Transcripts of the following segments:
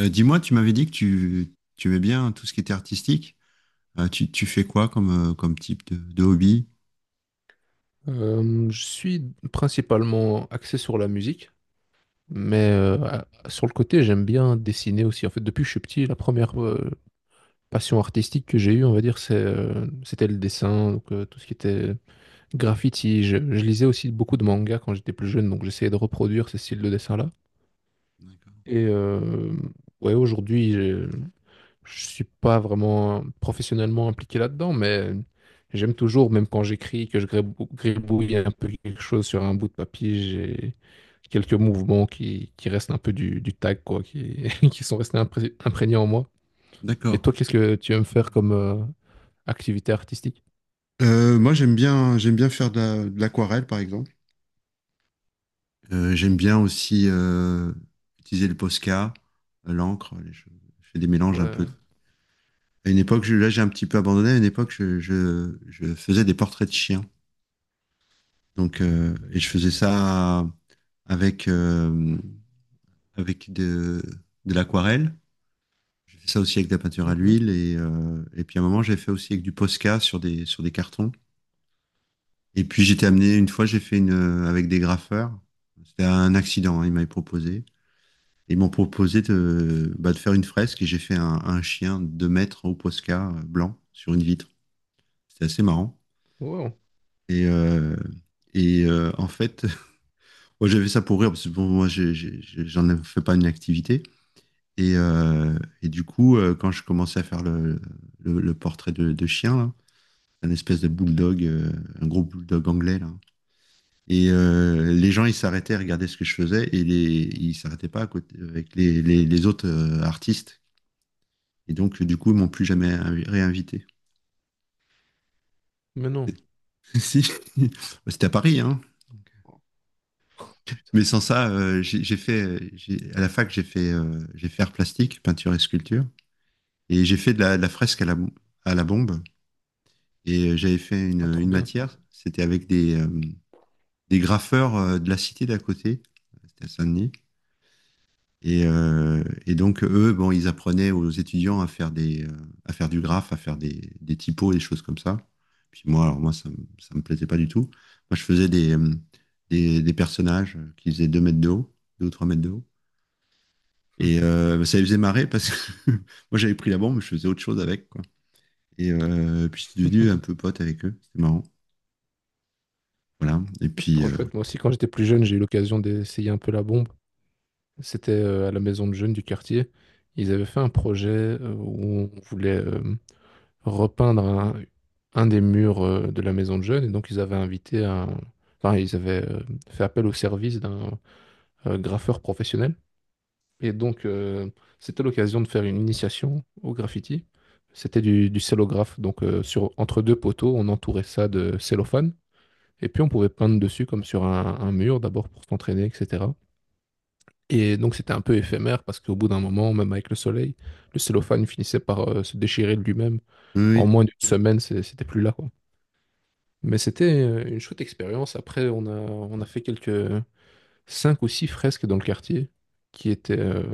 Dis-moi, tu m'avais dit que tu aimais bien tout ce qui était artistique. Tu fais quoi comme, comme type de hobby? Je suis principalement axé sur la musique, mais sur le côté, j'aime bien dessiner aussi. En fait, depuis que je suis petit, la première passion artistique que j'ai eue, on va dire, c'était le dessin, donc tout ce qui était graffiti. Je lisais aussi beaucoup de mangas quand j'étais plus jeune, donc j'essayais de reproduire ces styles de dessin-là. D'accord. Et ouais, aujourd'hui, je suis pas vraiment professionnellement impliqué là-dedans, mais j'aime toujours, même quand j'écris, que je gribouille un peu quelque chose sur un bout de papier, j'ai quelques mouvements qui restent un peu du tag, quoi, qui, qui sont restés imprégnés en moi. Et D'accord. toi, qu'est-ce que tu aimes faire comme activité artistique? Moi, j'aime bien faire de l'aquarelle, par exemple. J'aime bien aussi utiliser le Posca, l'encre, les choses. Je fais des mélanges un peu. Ouais. À une époque, là, j'ai un petit peu abandonné. À une époque, je faisais des portraits de chiens. Donc, et je faisais ça avec, avec de l'aquarelle. J'ai fait ça aussi avec de la peinture à Mhm. l'huile et puis à un moment j'ai fait aussi avec du Posca sur des cartons. Et puis j'étais amené une fois j'ai fait une avec des graffeurs. C'était un accident, hein, ils m'avaient proposé. Ils m'ont proposé de faire une fresque et j'ai fait un chien de 2 mètres au Posca blanc sur une vitre. C'était assez marrant. Wow. Et euh, En fait, moi j'avais ça pour rire parce que bon, moi fais pas une activité. Et, euh, et du coup, quand je commençais à faire le portrait de chien, là, un espèce de bulldog, un gros bulldog anglais là. Les gens, ils s'arrêtaient à regarder ce que je faisais et ils s'arrêtaient pas à côté avec les autres artistes. Et donc, du coup, ils m'ont plus jamais réinvité. Mais non. Si, c'était à Paris, hein. Oh, putain. Mais sans ça, à la fac, j'ai fait art plastique, peinture et sculpture, et j'ai fait de la fresque à la bombe. J'avais fait Ah, une, trop une bien. matière, c'était avec des graffeurs de la cité d'à côté, c'était à Saint-Denis. Et donc, eux, bon, ils apprenaient aux étudiants à faire du graphe, à faire des typos, des choses comme ça. Puis moi, alors moi, ça, ça me plaisait pas du tout. Moi, je faisais des personnages qui faisaient 2 mètres de haut, 2 ou 3 mètres de haut. Bah, ça les faisait marrer parce que moi, j'avais pris la bombe, mais je faisais autre chose avec, quoi. Puis, je suis devenu un peu pote avec eux. C'était marrant. Voilà. Et C'est puis, trop chouette. Moi aussi, quand j'étais plus jeune, j'ai eu l'occasion d'essayer un peu la bombe. C'était à la maison de jeunes du quartier. Ils avaient fait un projet où on voulait repeindre un des murs de la maison de jeunes. Et donc, ils avaient invité un... Enfin, ils avaient fait appel au service d'un graffeur professionnel. Et donc, c'était l'occasion de faire une initiation au graffiti. C'était du cellographe. Donc, entre deux poteaux, on entourait ça de cellophane. Et puis, on pouvait peindre dessus comme sur un mur, d'abord pour s'entraîner, etc. Et donc c'était un peu éphémère parce qu'au bout d'un moment, même avec le soleil, le cellophane finissait par se déchirer de lui-même. En oui, moins oui. d'une semaine, c'était plus là, quoi. Mais c'était une chouette expérience. Après, on a fait quelques cinq ou six fresques dans le quartier qui étaient euh,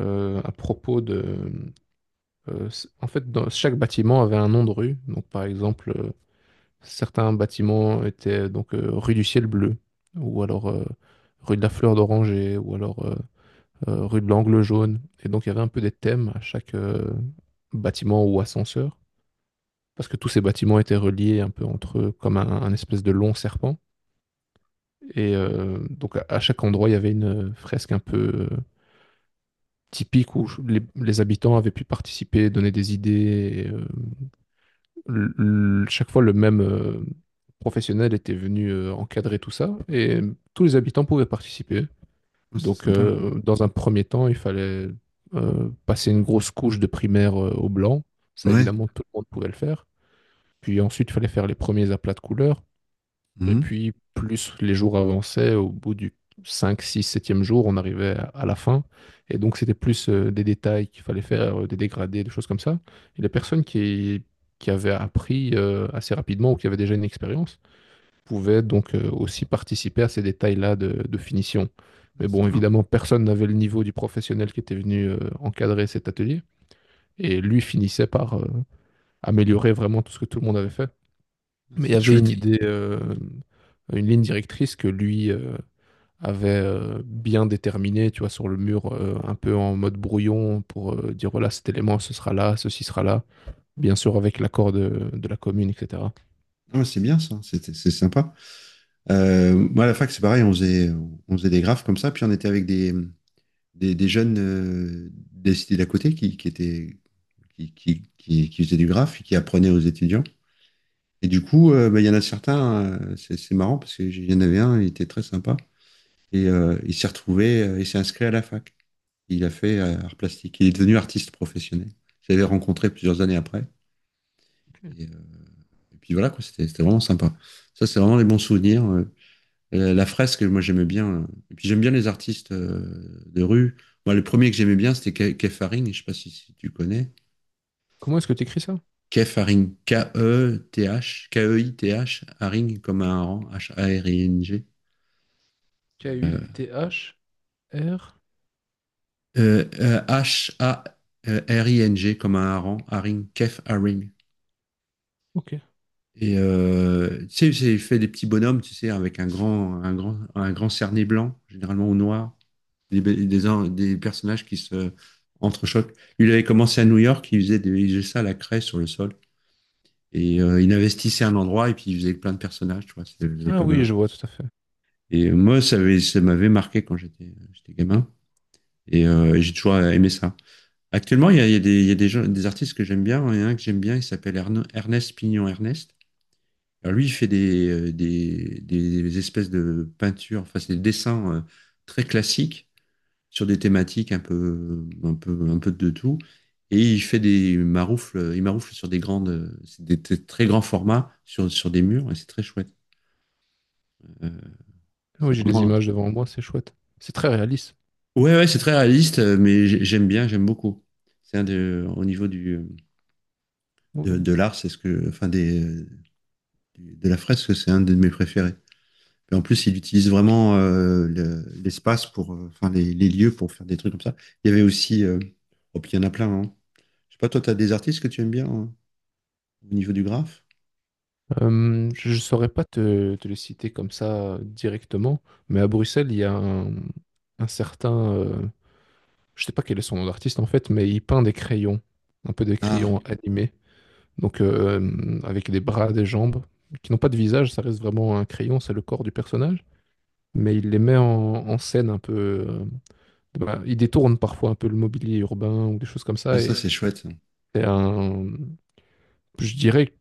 euh, à propos de... En fait, chaque bâtiment avait un nom de rue. Donc par exemple, certains bâtiments étaient donc rue du Ciel Bleu ou alors rue de la Fleur d'Oranger ou alors rue de l'Angle Jaune. Et donc, il y avait un peu des thèmes à chaque bâtiment ou ascenseur, parce que tous ces bâtiments étaient reliés un peu entre eux comme un espèce de long serpent. Et donc, à chaque endroit, il y avait une fresque un peu typique où les habitants avaient pu participer, donner des idées. Et, chaque fois, le même professionnel était venu encadrer tout ça, et tous les habitants pouvaient participer. Oh, c'est Donc, sympa. Dans un premier temps, il fallait passer une grosse couche de primaire au blanc. Ça, Ouais. évidemment, tout le monde pouvait le faire. Puis ensuite, il fallait faire les premiers aplats de couleurs. Et Mhm. puis, plus les jours avançaient, au bout du 5, 6, septième jour, on arrivait à la fin. Et donc, c'était plus des détails qu'il fallait faire, des dégradés, des choses comme ça. Et les personnes qui avaient appris assez rapidement ou qui avaient déjà une expérience, pouvaient donc aussi participer à ces détails-là de finition. Ah, Mais c'est bon, marrant. évidemment, personne n'avait le niveau du professionnel qui était venu encadrer cet atelier. Et lui finissait par améliorer vraiment tout ce que tout le monde avait fait. Ah, Mais il y c'est avait une chouette. idée, une ligne directrice que lui avait bien déterminée, tu vois, sur le mur, un peu en mode brouillon, pour dire, voilà, cet élément, ce sera là, ceci sera là. Bien sûr, avec l'accord de la commune, etc. Ah, c'est bien ça, c'est sympa. Moi, à la fac, c'est pareil, on faisait des graphes comme ça, puis on était avec des jeunes des cités d'à côté qui, étaient, qui faisaient du graphe et qui apprenaient aux étudiants. Et du coup, bah, il y en a certains, c'est marrant parce que j'y en avais un, il était très sympa, et il s'est inscrit à la fac. Il a fait art plastique, il est devenu artiste professionnel. Je l'avais rencontré plusieurs années après, Ok. et, euh, et puis voilà, quoi, c'était vraiment sympa. Ça, c'est vraiment les bons souvenirs. La fresque, moi j'aimais bien. Et puis j'aime bien les artistes de rue. Moi, le premier que j'aimais bien, c'était Kefaring. Je sais pas si tu connais. Comment est-ce que tu écris ça? Kefaring, K-E-T-H, Keith, Haring comme un hareng, Haring. K-U-T-H-R? Haring comme un hareng, Haring, Kef Haring. Ok. Tu sais, il fait des petits bonhommes, tu sais, avec un grand cerné blanc, généralement au noir. Des personnages qui se entrechoquent. Lui, il avait commencé à New York, il faisait ça à la craie sur le sol. Il investissait un endroit et puis il faisait plein de personnages, tu vois. C'était Ah comme oui, un- je vois tout à fait. Et moi, ça m'avait marqué quand j'étais gamin. J'ai toujours aimé ça. Actuellement, il y a des, il y a des, gens, des artistes que j'aime bien. Il y en a un que j'aime bien, il s'appelle Ernest Pignon Ernest. Alors lui, il fait des espèces de peintures, enfin, c'est des dessins très classiques, sur des thématiques un peu de tout. Et il fait des maroufles, il maroufle sur des grandes, très grands formats sur des murs et c'est très chouette. Euh, Ah oui, c'est j'ai les vraiment, images devant moi, c'est chouette. C'est très réaliste. ouais, ouais, c'est très réaliste, mais j'aime bien, j'aime beaucoup. Au niveau du, de, Oh. de l'art, c'est ce que, enfin, de la fresque, c'est un de mes préférés. Et en plus, il utilise vraiment l'espace pour, enfin, les lieux pour faire des trucs comme ça. Il y avait aussi, oh, puis il y en a plein, hein. Je sais pas, toi, t'as des artistes que tu aimes bien, hein, au niveau du graphe. Je ne saurais pas te les citer comme ça directement, mais à Bruxelles, il y a un certain... je ne sais pas quel est son nom d'artiste en fait, mais il peint des crayons, un peu des Ah, crayons animés, donc avec des bras, des jambes, qui n'ont pas de visage, ça reste vraiment un crayon, c'est le corps du personnage, mais il les met en scène un peu... bah, il détourne parfois un peu le mobilier urbain ou des choses comme ah, ça, ça et c'est chouette. C'est un... Je dirais qu'il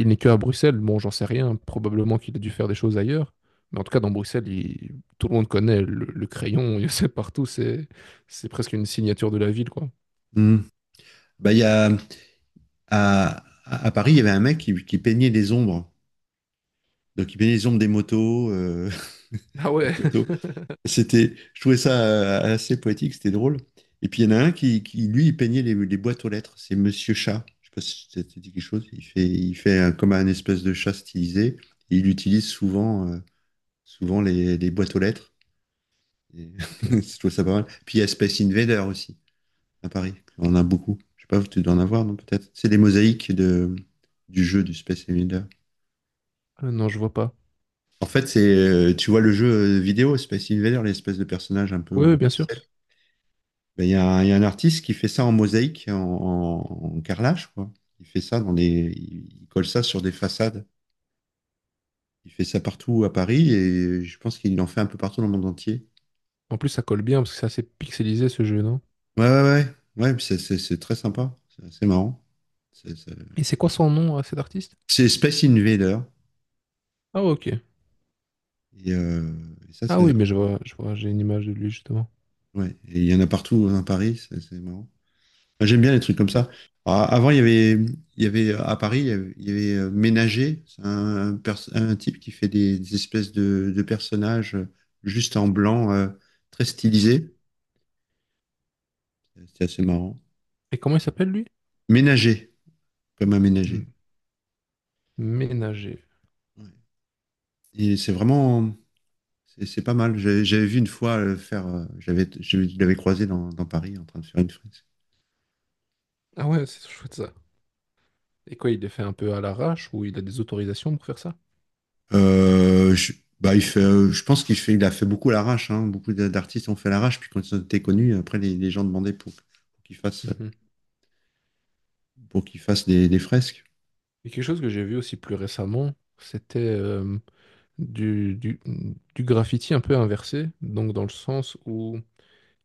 il n'est que à Bruxelles. Bon, j'en sais rien. Probablement qu'il a dû faire des choses ailleurs. Mais en tout cas, dans Bruxelles, tout le monde connaît le crayon. Il sait partout. C'est presque une signature de la ville, quoi. Hmm. Bah, à Paris, il y avait un mec qui peignait les ombres. Donc il peignait les ombres des motos, Ah des ouais. poteaux. Je trouvais ça assez poétique, c'était drôle. Et puis il y en a un lui, il peignait les boîtes aux lettres. C'est Monsieur Chat. Je sais pas si ça te dit quelque chose. Comme un espèce de chat stylisé. Et il utilise souvent les boîtes aux lettres. Et Ok. je trouve ça pas mal. Puis il y a Space Invader aussi. À Paris. On en a beaucoup. Je sais pas, tu dois en avoir, non, peut-être. C'est des mosaïques du jeu du Space Invader. Ah non, je vois pas. En fait, tu vois le jeu vidéo Space Invader, l'espèce de personnage un peu Oui, oui, en bien sûr. pixel. Ben, il y a un artiste qui fait ça en mosaïque, en carrelage, quoi. Il fait ça dans les, Il colle ça sur des façades. Il fait ça partout à Paris et je pense qu'il en fait un peu partout dans le monde entier. En plus, ça colle bien parce que c'est assez pixelisé ce jeu, non? Ouais, ouais, ouais. Ouais, puis c'est très sympa. C'est assez marrant. C'est c'est- Et c'est quoi son nom à cet artiste? c'est Space Invader. Ah ok. Et, euh, et ça, Ah c'est oui, mais je vois, j'ai une image de lui justement. ouais, et il y en a partout, hein, à Paris, c'est marrant. Moi, j'aime bien les trucs comme C'est- ça. Alors, avant, il y avait à Paris, il y avait Ménager, c'est un un type qui fait des espèces de personnages juste en blanc, très stylisés. C'est assez marrant. Et comment il s'appelle lui? Ménager, comme un ménager. M- Ménager. Ouais. Et c'est vraiment, c'est pas mal. J'avais vu une fois je l'avais croisé dans Paris en train de faire une, Ah ouais, c'est chouette ça. Et quoi, il les fait un peu à l'arrache ou il a des autorisations pour faire ça? Euh, je, bah, je pense qu'il fait, il a fait beaucoup à l'arrache, hein. Beaucoup d'artistes ont fait à l'arrache. Puis quand ils ont été connus, après, les gens demandaient pour qu'ils fassent, Mhm. pour qu'ils fassent des fresques. Et quelque chose que j'ai vu aussi plus récemment, c'était du, du, du graffiti un peu inversé, donc dans le sens où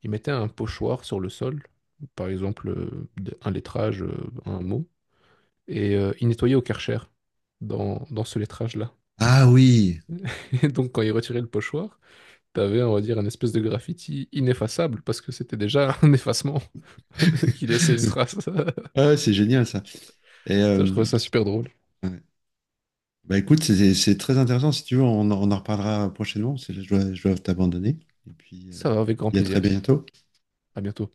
il mettait un pochoir sur le sol, par exemple un lettrage, un mot, et il nettoyait au Karcher dans ce lettrage-là. Ah oui! Et donc quand il retirait le pochoir, t'avais, on va dire, une espèce de graffiti ineffaçable, parce que c'était déjà un effacement qui laissait une trace. Ah, c'est génial ça. Et Ça, je euh, trouvais ça super drôle. Bah, écoute, c'est très intéressant. Si tu veux, on en reparlera prochainement, parce que là, je dois t'abandonner. Et puis, euh, Ça va, avec grand et à très plaisir. bientôt. À bientôt.